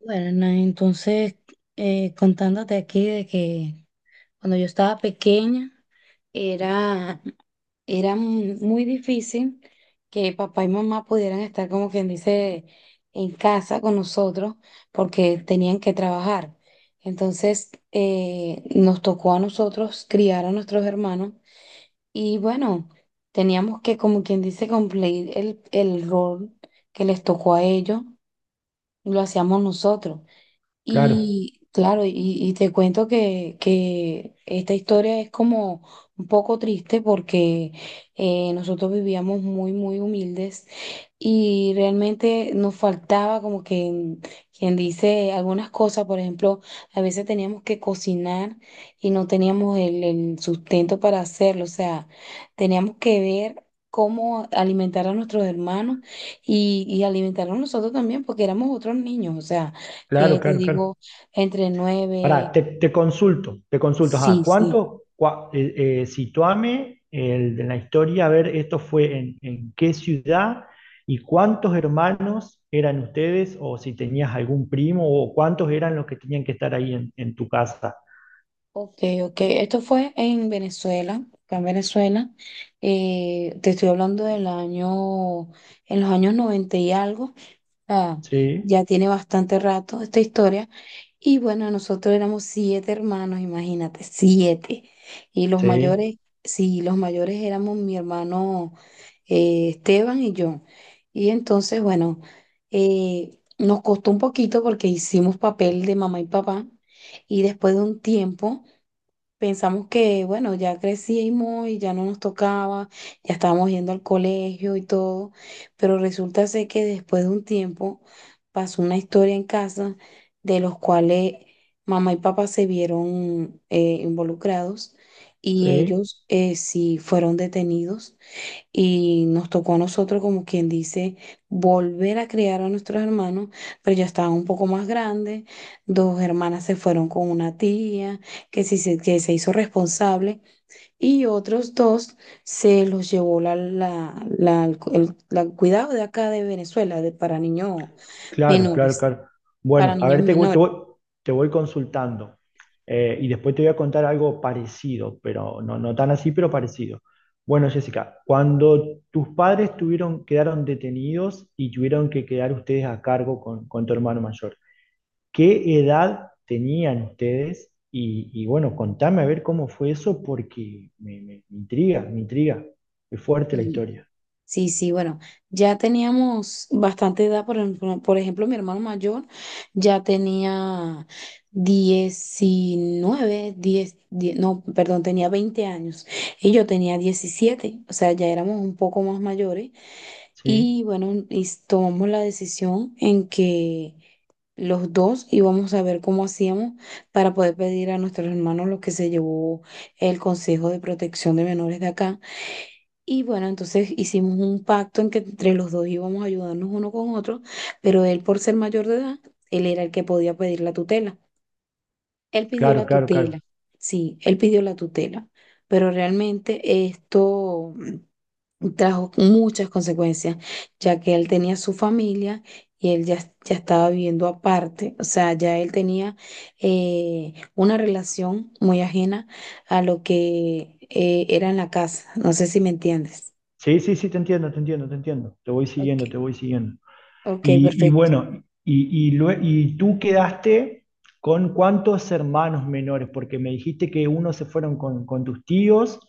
Bueno, entonces contándote aquí de que cuando yo estaba pequeña era, era muy difícil que papá y mamá pudieran estar como quien dice en casa con nosotros porque tenían que trabajar. Entonces nos tocó a nosotros criar a nuestros hermanos y bueno, teníamos que como quien dice cumplir el rol que les tocó a ellos, lo hacíamos nosotros. Claro, Y claro, y te cuento que esta historia es como un poco triste porque nosotros vivíamos muy, muy humildes. Y realmente nos faltaba como que, quien dice algunas cosas, por ejemplo, a veces teníamos que cocinar y no teníamos el sustento para hacerlo, o sea, teníamos que ver cómo alimentar a nuestros hermanos y alimentarnos nosotros también, porque éramos otros niños, o sea, claro, que te claro. digo, entre nueve, Ahora, te consulto, ajá, sí, sí. ¿ situame el, de la historia, a ver, esto fue en, ¿en qué ciudad y cuántos hermanos eran ustedes? O si tenías algún primo o cuántos eran los que tenían que estar ahí en tu casa. Ok, ok. Esto fue en Venezuela, acá en Venezuela. Te estoy hablando del año, en los años 90 y algo. Ah, Sí, ya tiene bastante rato esta historia. Y bueno, nosotros éramos siete hermanos, imagínate, siete. Y los sí, mayores, sí, los mayores éramos mi hermano Esteban y yo. Y entonces, bueno, nos costó un poquito porque hicimos papel de mamá y papá. Y después de un tiempo. Pensamos que, bueno, ya crecimos y ya no nos tocaba, ya estábamos yendo al colegio y todo, pero resulta ser que después de un tiempo pasó una historia en casa de los cuales mamá y papá se vieron involucrados y sí. ellos sí fueron detenidos y nos tocó a nosotros, como quien dice, volver a criar a nuestros hermanos, pero ya estaban un poco más grandes. Dos hermanas se fueron con una tía que, que se hizo responsable y otros dos se los llevó el cuidado de acá de Venezuela, de, para niños Claro, claro, menores, claro. para Bueno, a niños ver, menores. Te voy consultando. Y después te voy a contar algo parecido, pero no, no tan así, pero parecido. Bueno, Jessica, cuando tus padres quedaron detenidos y tuvieron que quedar ustedes a cargo con tu hermano mayor, ¿qué edad tenían ustedes? Y bueno, contame a ver cómo fue eso porque me intriga, me intriga. Es fuerte la historia. Sí, sí, bueno, ya teníamos bastante edad, por ejemplo, mi hermano mayor ya tenía 19 10 die no, perdón, tenía 20 años y yo tenía 17, o sea, ya éramos un poco más mayores Sí, y bueno, tomamos la decisión en que los dos íbamos a ver cómo hacíamos para poder pedir a nuestros hermanos lo que se llevó el Consejo de Protección de Menores de acá y bueno, entonces hicimos un pacto en que entre los dos íbamos a ayudarnos uno con otro, pero él por ser mayor de edad, él era el que podía pedir la tutela. Él pidió la claro, claro, claro. tutela, sí, él pidió la tutela, pero realmente esto, trajo muchas consecuencias, ya que él tenía su familia y él ya, ya estaba viviendo aparte, o sea, ya él tenía una relación muy ajena a lo que era en la casa, no sé si me entiendes. Sí, sí, sí, te entiendo, te entiendo, te entiendo. Te voy Ok, siguiendo, te voy siguiendo. Ok, perfecto. Y tú quedaste con cuántos hermanos menores, porque me dijiste que unos se fueron con tus tíos,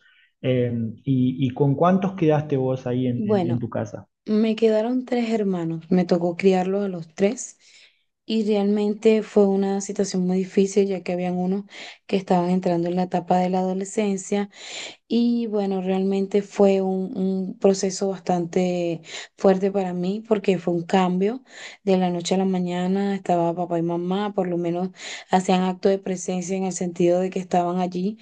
eh, y, ¿y con cuántos quedaste vos ahí en, en Bueno, tu casa? me quedaron tres hermanos, me tocó criarlos a los tres y realmente fue una situación muy difícil ya que habían unos que estaban entrando en la etapa de la adolescencia. Y bueno, realmente fue un proceso bastante fuerte para mí porque fue un cambio de la noche a la mañana. Estaba papá y mamá, por lo menos hacían acto de presencia en el sentido de que estaban allí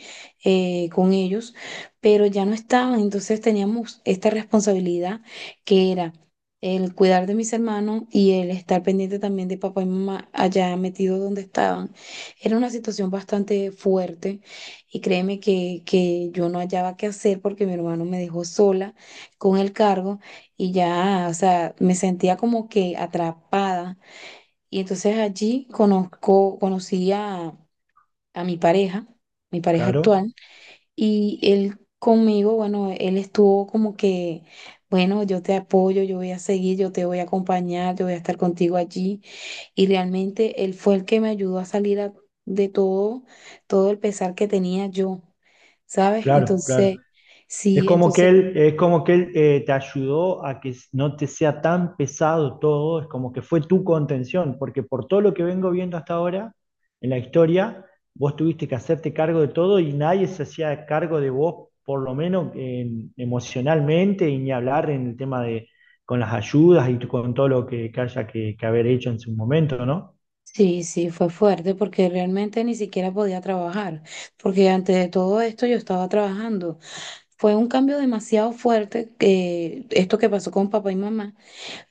con ellos, pero ya no estaban. Entonces teníamos esta responsabilidad que era el cuidar de mis hermanos y el estar pendiente también de papá y mamá allá metidos donde estaban. Era una situación bastante fuerte y créeme que yo no hallaba qué hacer porque mi hermano me dejó sola con el cargo y ya, o sea, me sentía como que atrapada. Y entonces allí conocí a mi pareja Claro, actual, y él conmigo, bueno, él estuvo como que, bueno, yo te apoyo, yo voy a seguir, yo te voy a acompañar, yo voy a estar contigo allí. Y realmente él fue el que me ayudó a de todo, todo el pesar que tenía yo, ¿sabes? claro, claro. Es como que Entonces, él, es como que él te ayudó a que no te sea tan pesado todo, es como que fue tu contención, porque por todo lo que vengo viendo hasta ahora en la historia, vos tuviste que hacerte cargo de todo y nadie se hacía cargo de vos, por lo menos emocionalmente, y ni hablar en el tema de con las ayudas y con todo lo que, que haber hecho en su momento, ¿no? sí, sí, fue fuerte porque realmente ni siquiera podía trabajar, porque antes de todo esto yo estaba trabajando. Fue un cambio demasiado fuerte que esto que pasó con papá y mamá,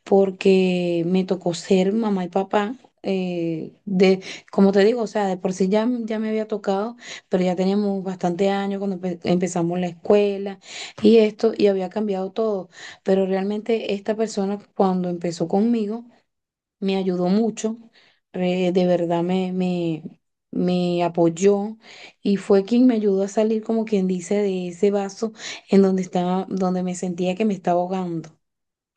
porque me tocó ser mamá y papá. eh, de, como te digo, o sea, de por sí ya me había tocado, pero ya teníamos bastante años cuando empezamos la escuela y esto, y había cambiado todo. Pero realmente esta persona cuando empezó conmigo me ayudó mucho, de verdad me apoyó y fue quien me ayudó a salir, como quien dice, de ese vaso en donde estaba, donde me sentía que me estaba ahogando.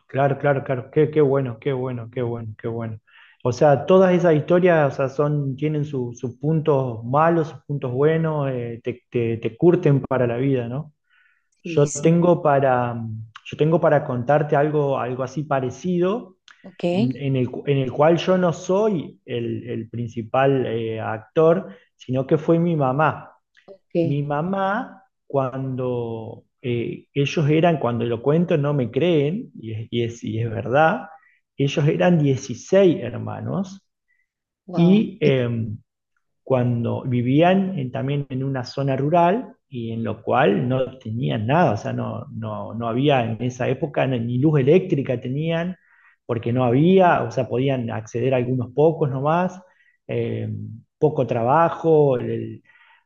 Claro, claro, claro. Qué, qué bueno, qué bueno, qué bueno, qué bueno. O sea, todas esas historias, o sea, son, tienen sus puntos malos, sus puntos buenos, te curten para la vida, ¿no? Sí, Yo sí. tengo para, yo tengo para contarte algo, algo así parecido, ¿Ok? En el, en el cual yo no soy el, principal actor, sino que fue mi mamá. Mi Okay, mamá, cuando ellos eran, cuando lo cuento no me creen, y es verdad, ellos eran 16 hermanos. wow, y eh, Cuando vivían también en una zona rural y en lo cual no tenían nada, o sea, no había, en esa época ni luz eléctrica tenían, porque no había. O sea, podían acceder a algunos pocos nomás, eh, poco trabajo.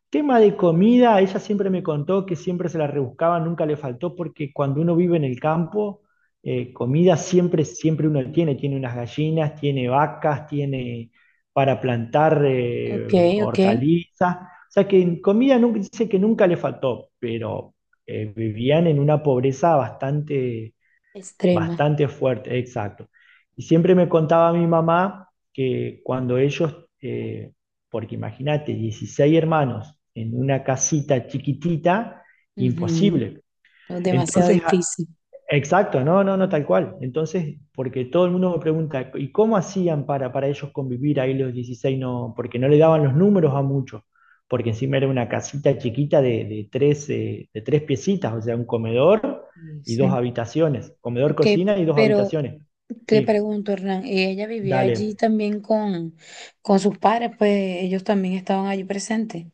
Tema de comida, ella siempre me contó que siempre se la rebuscaba, nunca le faltó, porque cuando uno vive en el campo, comida siempre, siempre uno tiene, tiene unas gallinas, tiene vacas, tiene para plantar ok, ok, hortalizas, o sea que en comida nunca, dice que nunca le faltó. Pero vivían en una pobreza bastante extrema, bastante fuerte, exacto. Y siempre me contaba mi mamá que cuando ellos, eh, porque imagínate, 16 hermanos en una casita chiquitita, ujú, imposible. o demasiado Entonces, a- difícil. Exacto, no, no, no, tal cual. Entonces, porque todo el mundo me pregunta, ¿y cómo hacían para ellos convivir ahí los dieciséis? No, porque no le daban los números a muchos, porque encima era una casita chiquita de tres piecitas, o sea, un comedor Y y dos sí. habitaciones, comedor, Ok, cocina y dos pero habitaciones. te Sí, pregunto, Hernán, ¿y ella vivía dale. allí también con sus padres, pues ellos también estaban allí presentes?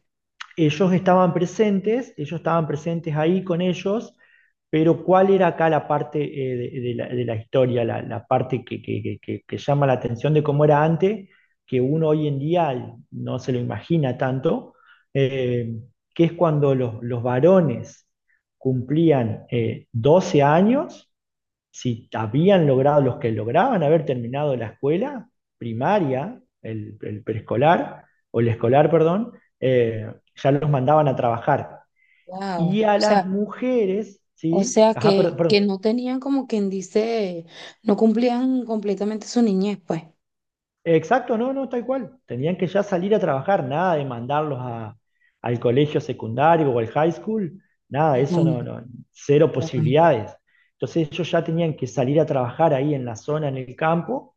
Ellos estaban presentes, ellos estaban presentes ahí con ellos, pero ¿cuál era acá la parte de la historia, la parte que, que llama la atención de cómo era antes, que uno hoy en día no se lo imagina tanto, eh, que es cuando los varones cumplían 12 años, si habían logrado, los que lograban haber terminado la escuela primaria, el preescolar, o el escolar, perdón, ya los mandaban a trabajar. Wow, Y a las mujeres, o ¿sí? sea Ajá, perdón, que perdón. no tenían como quien dice, no cumplían completamente su niñez, pues. Exacto, no, no, tal cual. Tenían que ya salir a trabajar, nada de al colegio secundario o al high school, nada, Ajá. eso no, no, cero Wow. posibilidades. Entonces ellos ya tenían que salir a trabajar ahí en la zona, en el campo.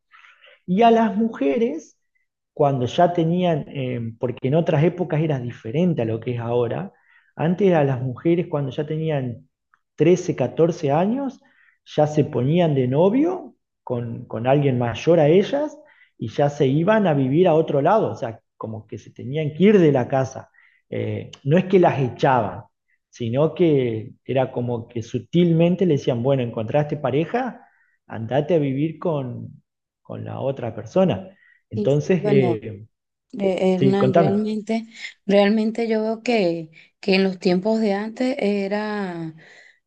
Y a las mujeres, cuando ya tenían, porque en otras épocas era diferente a lo que es ahora, antes a las mujeres cuando ya tenían 13 o 14 años, ya se ponían de novio con alguien mayor a ellas y ya se iban a vivir a otro lado, o sea, como que se tenían que ir de la casa. No es que las echaban, sino que era como que sutilmente le decían, bueno, encontraste pareja, andate a vivir con la otra persona. Sí, sí, Entonces, bueno, eh, sí, Hernán, contame. realmente, realmente yo veo que en los tiempos de antes era, o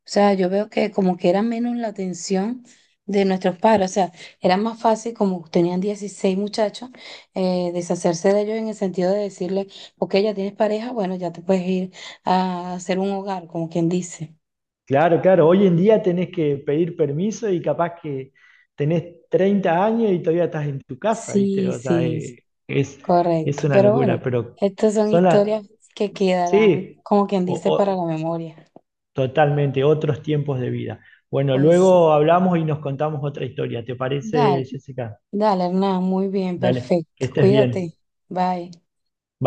sea, yo veo que como que era menos la atención de nuestros padres, o sea, era más fácil como tenían 16 muchachos, deshacerse de ellos en el sentido de decirle, ok, ya tienes pareja, bueno, ya te puedes ir a hacer un hogar, como quien dice. Claro, claro, hoy en día tenés que pedir permiso y capaz que tenés 30 años y todavía estás en tu casa, ¿viste? Sí, Es correcto, una pero locura, bueno, pero estas son son las... historias que quedarán, Sí, como quien o- dice, para la o- memoria. totalmente, otros tiempos de vida. Bueno, Pues sí. luego hablamos y nos contamos otra historia. ¿Te Dale. parece, Jessica? Dale, Hernán, muy bien, Dale, que perfecto. estés Cuídate. bien. Bye.